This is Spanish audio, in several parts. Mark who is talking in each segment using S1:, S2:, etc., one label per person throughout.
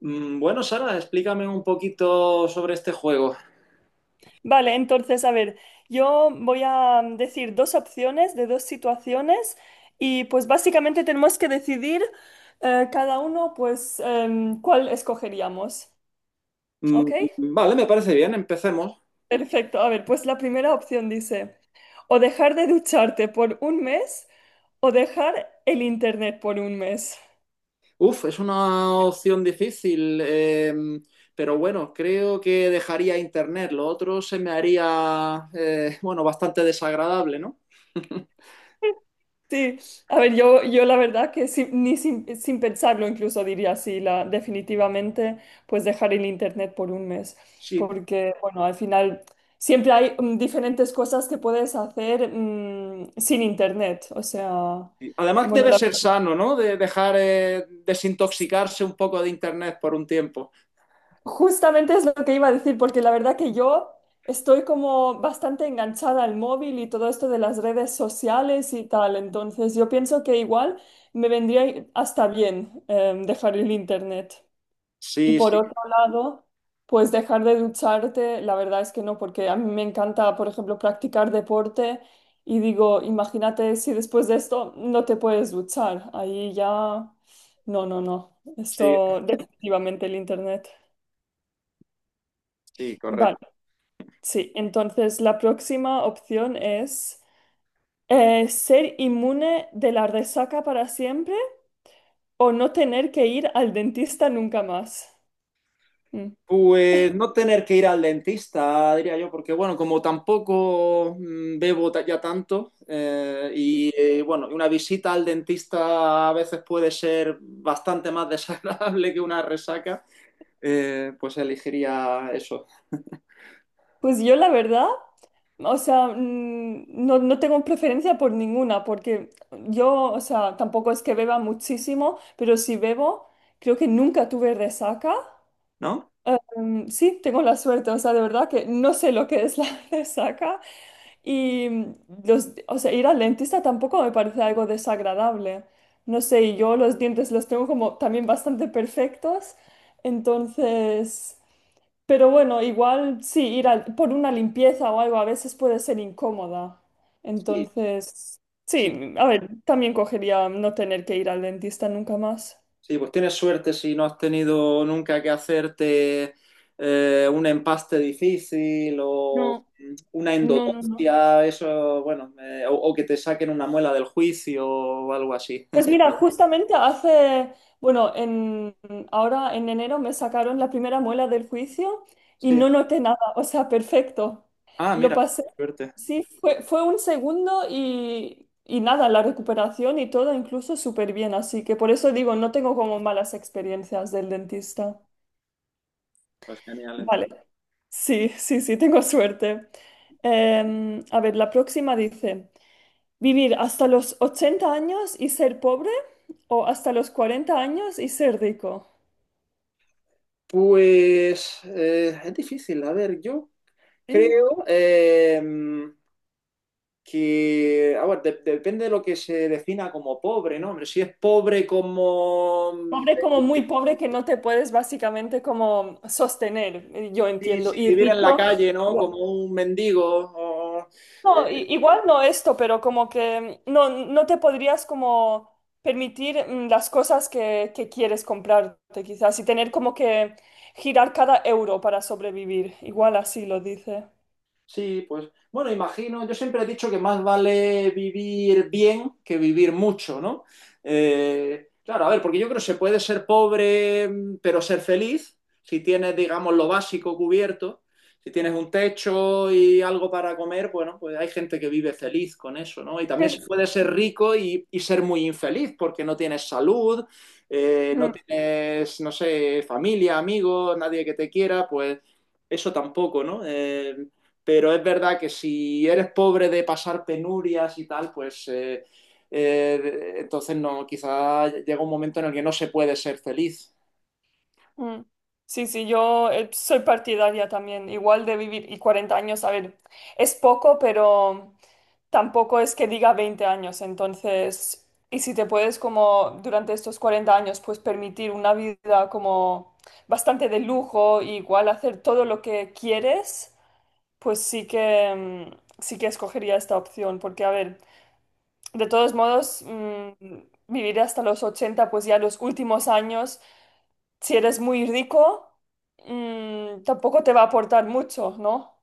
S1: Bueno, Sara, explícame un poquito sobre este juego.
S2: Vale, entonces, a ver, yo voy a decir dos opciones de dos situaciones y pues básicamente tenemos que decidir cada uno pues cuál escogeríamos. ¿Ok?
S1: Mm, Vale, me parece bien, empecemos.
S2: Perfecto. A ver, pues la primera opción dice, o dejar de ducharte por un mes o dejar el internet por un mes.
S1: Uf, es una opción difícil, pero bueno, creo que dejaría Internet. Lo otro se me haría, bueno, bastante desagradable, ¿no?
S2: Sí, a ver, yo la verdad que sin- ni sin, sin pensarlo incluso diría así, la, definitivamente pues dejar el internet por un mes,
S1: Sí.
S2: porque bueno, al final siempre hay diferentes cosas que puedes hacer sin internet, o sea,
S1: Además
S2: bueno,
S1: debe ser sano, ¿no? De dejar desintoxicarse un poco de Internet por un tiempo.
S2: justamente es lo que iba a decir, porque la verdad que yo estoy como bastante enganchada al móvil y todo esto de las redes sociales y tal, entonces yo pienso que igual me vendría hasta bien dejar el internet. Y
S1: Sí,
S2: por
S1: sí,
S2: otro lado, pues dejar de ducharte, la verdad es que no, porque a mí me encanta, por ejemplo, practicar deporte y digo, imagínate si después de esto no te puedes duchar, ahí ya, no, no, no,
S1: sí,
S2: esto definitivamente el internet.
S1: sí,
S2: Vale,
S1: correcto.
S2: sí, entonces la próxima opción es ser inmune de la resaca para siempre o no tener que ir al dentista nunca más. Mm.
S1: Pues no tener que ir al dentista, diría yo, porque bueno, como tampoco bebo ya tanto, y bueno, una visita al dentista a veces puede ser bastante más desagradable que una resaca, pues elegiría eso,
S2: Pues yo la verdad... O sea, mm, no, no tengo preferencia por ninguna, porque yo, o sea, tampoco es que beba muchísimo, pero si bebo, creo que nunca tuve resaca.
S1: ¿no?
S2: Mm, sí, tengo la suerte, o sea, de verdad que no sé lo que es la resaca. Y o sea, ir al dentista tampoco me parece algo desagradable. No sé, y yo los dientes los tengo como también bastante perfectos. Entonces. Pero bueno, igual sí, por una limpieza o algo a veces puede ser incómoda.
S1: Sí,
S2: Entonces,
S1: sí.
S2: sí, a ver, también cogería no tener que ir al dentista nunca más.
S1: Sí, pues tienes suerte si no has tenido nunca que hacerte un empaste difícil o
S2: No,
S1: una
S2: no, no, no.
S1: endodoncia, eso, bueno, o que te saquen una muela del juicio o algo así.
S2: Pues mira, justamente bueno, en, ahora en enero me sacaron la primera muela del juicio y
S1: Sí.
S2: no noté nada, o sea, perfecto.
S1: Ah,
S2: Lo
S1: mira,
S2: pasé,
S1: suerte.
S2: sí, fue un segundo y nada, la recuperación y todo incluso súper bien, así que por eso digo, no tengo como malas experiencias del dentista.
S1: Pues genial,
S2: Vale,
S1: entonces.
S2: sí, sí, sí, tengo suerte. La próxima dice... ¿Vivir hasta los 80 años y ser pobre o hasta los 40 años y ser rico?
S1: Pues es difícil, a ver, yo
S2: Sí.
S1: creo que, a ver, depende de lo que se defina como pobre, ¿no? Hombre, si es pobre como
S2: Pobre como muy pobre que no te puedes básicamente como sostener, yo
S1: si,
S2: entiendo.
S1: si
S2: Y
S1: viviera en la
S2: rico,
S1: calle, ¿no?
S2: no,
S1: Como un mendigo. O, eh,
S2: no, igual no esto, pero como que no, no te podrías como permitir las cosas que quieres comprarte quizás y tener como que girar cada euro para sobrevivir. Igual así lo dice.
S1: Sí, pues bueno, imagino, yo siempre he dicho que más vale vivir bien que vivir mucho, ¿no? Claro, a ver, porque yo creo que se puede ser pobre pero ser feliz si tienes, digamos, lo básico cubierto, si tienes un techo y algo para comer, bueno, pues hay gente que vive feliz con eso, ¿no? Y también se puede ser rico y ser muy infeliz porque no tienes salud, no tienes, no sé, familia, amigos, nadie que te quiera, pues eso tampoco, ¿no? Pero es verdad que si eres pobre de pasar penurias y tal, pues entonces no, quizá llega un momento en el que no se puede ser feliz.
S2: Mm. Sí, sí, yo soy partidaria también, igual de vivir y 40 años, a ver, es poco, pero tampoco es que diga 20 años, entonces, y si te puedes como durante estos 40 años, pues permitir una vida como bastante de lujo, y igual hacer todo lo que quieres, pues sí que escogería esta opción, porque a ver, de todos modos, mm, vivir hasta los 80, pues ya los últimos años si eres muy rico, mm, tampoco te va a aportar mucho, ¿no?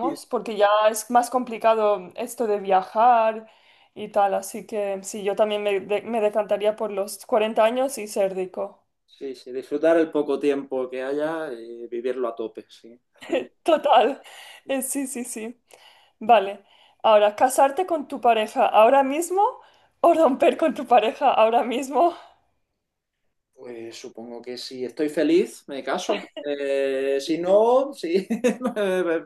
S1: Sí.
S2: porque ya es más complicado esto de viajar y tal, así que sí, yo también me decantaría por los 40 años y ser rico.
S1: Sí, sí, disfrutar el poco tiempo que haya y vivirlo a tope, sí.
S2: Total, sí, sí, sí. Vale, ahora, ¿casarte con tu pareja ahora mismo o romper con tu pareja ahora mismo?
S1: Pues supongo que si estoy feliz, me caso. Si no, sí, me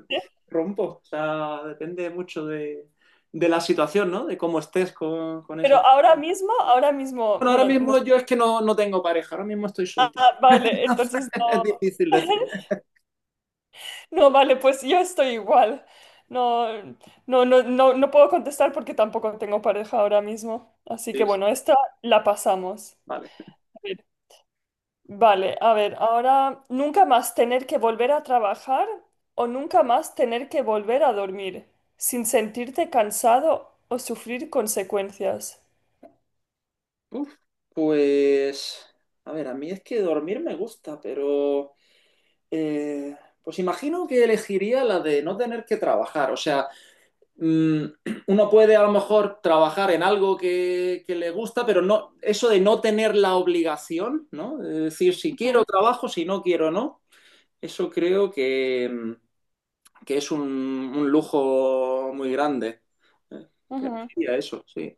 S1: rompo. O sea, depende mucho de la situación, ¿no? De cómo estés con
S2: Pero
S1: esa persona.
S2: ahora mismo,
S1: Bueno, ahora
S2: bueno, no,
S1: mismo yo es que no, no tengo pareja, ahora mismo estoy soltero.
S2: ah, vale,
S1: No
S2: entonces
S1: fue- es
S2: no.
S1: difícil decir.
S2: No, vale, pues yo estoy igual. No, no, no, no, no puedo contestar porque tampoco tengo pareja ahora mismo. Así que
S1: Sí, sí.
S2: bueno, esta la pasamos.
S1: Vale.
S2: A ver, vale, a ver, ahora nunca más tener que volver a trabajar o nunca más tener que volver a dormir sin sentirte cansado o sufrir consecuencias.
S1: Uf, pues, a ver, a mí es que dormir me gusta, pero eh, pues imagino que elegiría la de no tener que trabajar. O sea, mm, uno puede a lo mejor trabajar en algo que le gusta, pero no, eso de no tener la obligación, ¿no? De decir, si quiero
S2: Ujú.
S1: trabajo, si no quiero, no. Eso creo que es un lujo muy grande. Eh, que
S2: Ujú.
S1: elegiría eso, sí.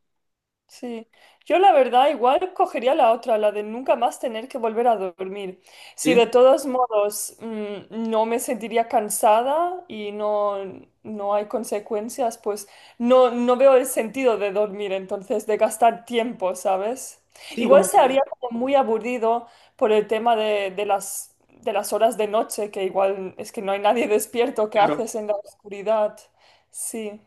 S2: Sí, yo la verdad igual cogería la otra, la de nunca más tener que volver a dormir. Si
S1: ¿Sí?
S2: de todos modos no me sentiría cansada y no, no hay consecuencias, pues no, no veo el sentido de dormir, entonces de gastar tiempo, ¿sabes?
S1: Sí,
S2: Igual
S1: como,
S2: se haría como muy aburrido por el tema de las horas de noche, que igual es que no hay nadie despierto, ¿qué
S1: claro.
S2: haces en la oscuridad? Sí.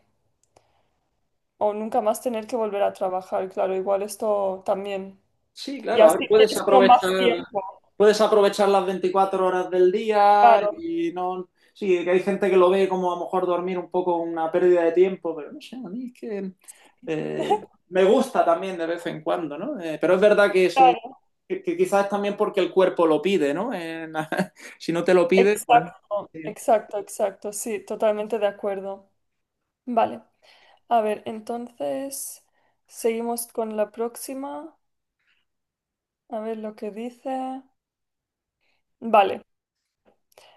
S2: O nunca más tener que volver a trabajar, claro, igual esto también.
S1: Sí,
S2: Y
S1: claro, a
S2: así
S1: ver, puedes
S2: tienes como
S1: aprovechar,
S2: más tiempo,
S1: puedes aprovechar las 24 horas del día
S2: claro,
S1: y no, sí, que hay gente que lo ve como a lo mejor dormir un poco una pérdida de tiempo, pero no sé, a mí es que eh, me gusta también de vez en cuando, ¿no? Pero es verdad que sí,
S2: claro,
S1: que quizás también porque el cuerpo lo pide, ¿no? Si no te lo pide, pues,
S2: exacto,
S1: sí.
S2: exacto, exacto, sí, totalmente de acuerdo. Vale, a ver, entonces seguimos con la próxima, a ver lo que dice. Vale,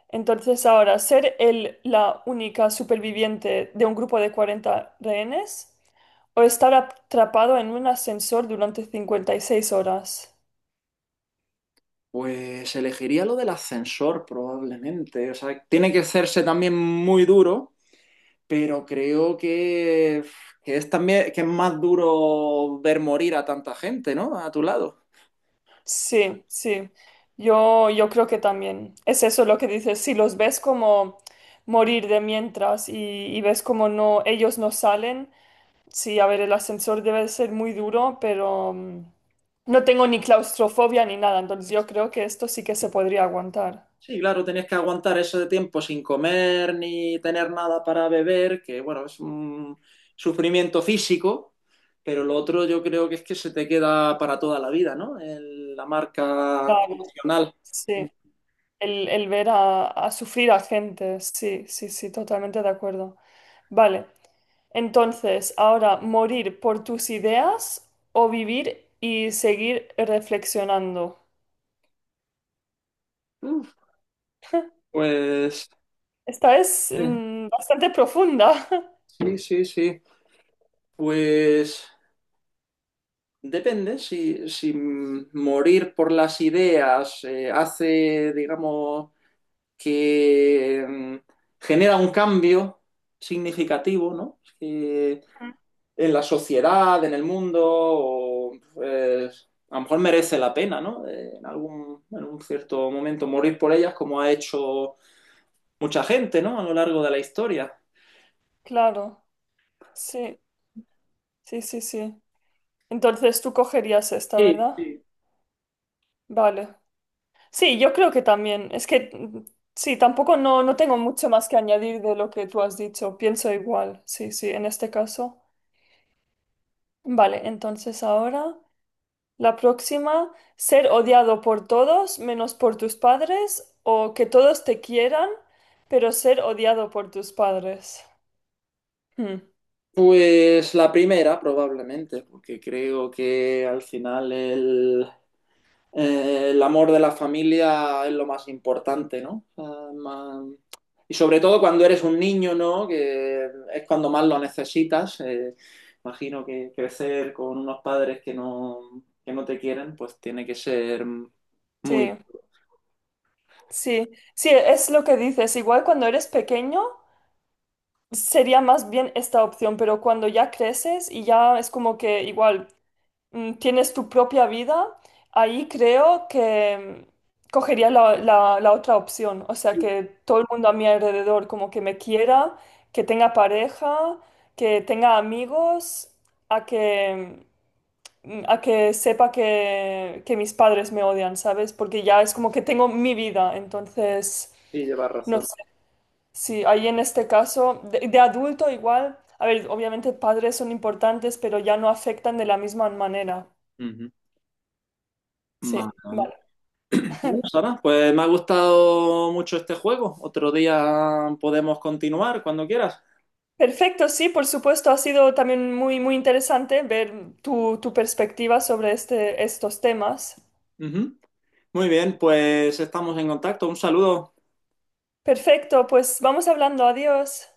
S2: entonces ahora, ser la única superviviente de un grupo de 40 rehenes o estar atrapado en un ascensor durante 56 horas.
S1: Pues elegiría lo del ascensor probablemente. O sea, tiene que hacerse también muy duro pero creo que es también que es más duro ver morir a tanta gente, ¿no? A tu lado.
S2: Sí, sí. Yo creo que también es eso lo que dices. Si los ves como morir de mientras y ves como no, ellos no salen, sí, a ver, el ascensor debe ser muy duro, pero no tengo ni claustrofobia ni nada, entonces yo creo que esto sí que se podría aguantar.
S1: Sí, claro, tenías que aguantar eso de tiempo sin comer ni tener nada para beber, que bueno, es un sufrimiento físico, pero lo otro yo creo que es que se te queda para toda la vida, ¿no? La marca
S2: Claro,
S1: emocional.
S2: sí. El ver a sufrir a gente, sí, sí, sí, totalmente de acuerdo. Vale, entonces, ahora, ¿morir por tus ideas o vivir y seguir reflexionando?
S1: Uf, pues
S2: Esta es
S1: eh,
S2: bastante profunda.
S1: sí, sí, sí. Pues depende, si morir por las ideas hace, digamos, que genera un cambio significativo, ¿no? Eh,
S2: Ujú.
S1: en la sociedad, en el mundo, o, pues, a lo mejor merece la pena, ¿no? En algún, en un cierto momento morir por ellas, como ha hecho mucha gente, ¿no? A lo largo de la historia.
S2: Claro, sí, sí, sí, sí. Entonces tú cogerías esta,
S1: Sí,
S2: ¿verdad?
S1: sí.
S2: Vale. Sí, yo creo que también. Es que sí, tampoco no, no tengo mucho más que añadir de lo que tú has dicho. Pienso igual, sí, sí, en este caso. Vale, entonces ahora. La próxima, ser odiado por todos menos por tus padres o que todos te quieran, pero ser odiado por tus padres. Hmm,
S1: Pues la primera, probablemente, porque creo que al final el amor de la familia es lo más importante, ¿no? Más- Y sobre todo cuando eres un niño, ¿no? Que es cuando más lo necesitas. Imagino que crecer con unos padres que no te quieren, pues tiene que ser
S2: sí,
S1: muy duro.
S2: sí, sí, es lo que dices. Igual cuando eres pequeño sería más bien esta opción, pero cuando ya creces y ya es como que igual tienes tu propia vida, ahí creo que cogería la otra opción. O sea,
S1: Sí,
S2: que todo el mundo a mi alrededor como que me quiera, que tenga pareja, que tenga amigos, a que, a que sepa que mis padres me odian, ¿sabes? Porque ya es como que tengo mi vida, entonces,
S1: sí, llevas
S2: no
S1: razón.
S2: sé. Sí, ahí en este caso, de adulto igual, a ver, obviamente padres son importantes, pero ya no afectan de la misma manera.
S1: Ujú. Vale,
S2: Sí.
S1: vale. Bueno, Sara, pues me ha gustado mucho este juego. Otro día podemos continuar cuando quieras.
S2: Perfecto, sí, por supuesto, ha sido también muy, muy interesante ver tu perspectiva sobre estos temas.
S1: Ujú. Muy bien, pues estamos en contacto. Un saludo.
S2: Perfecto, pues vamos hablando, adiós.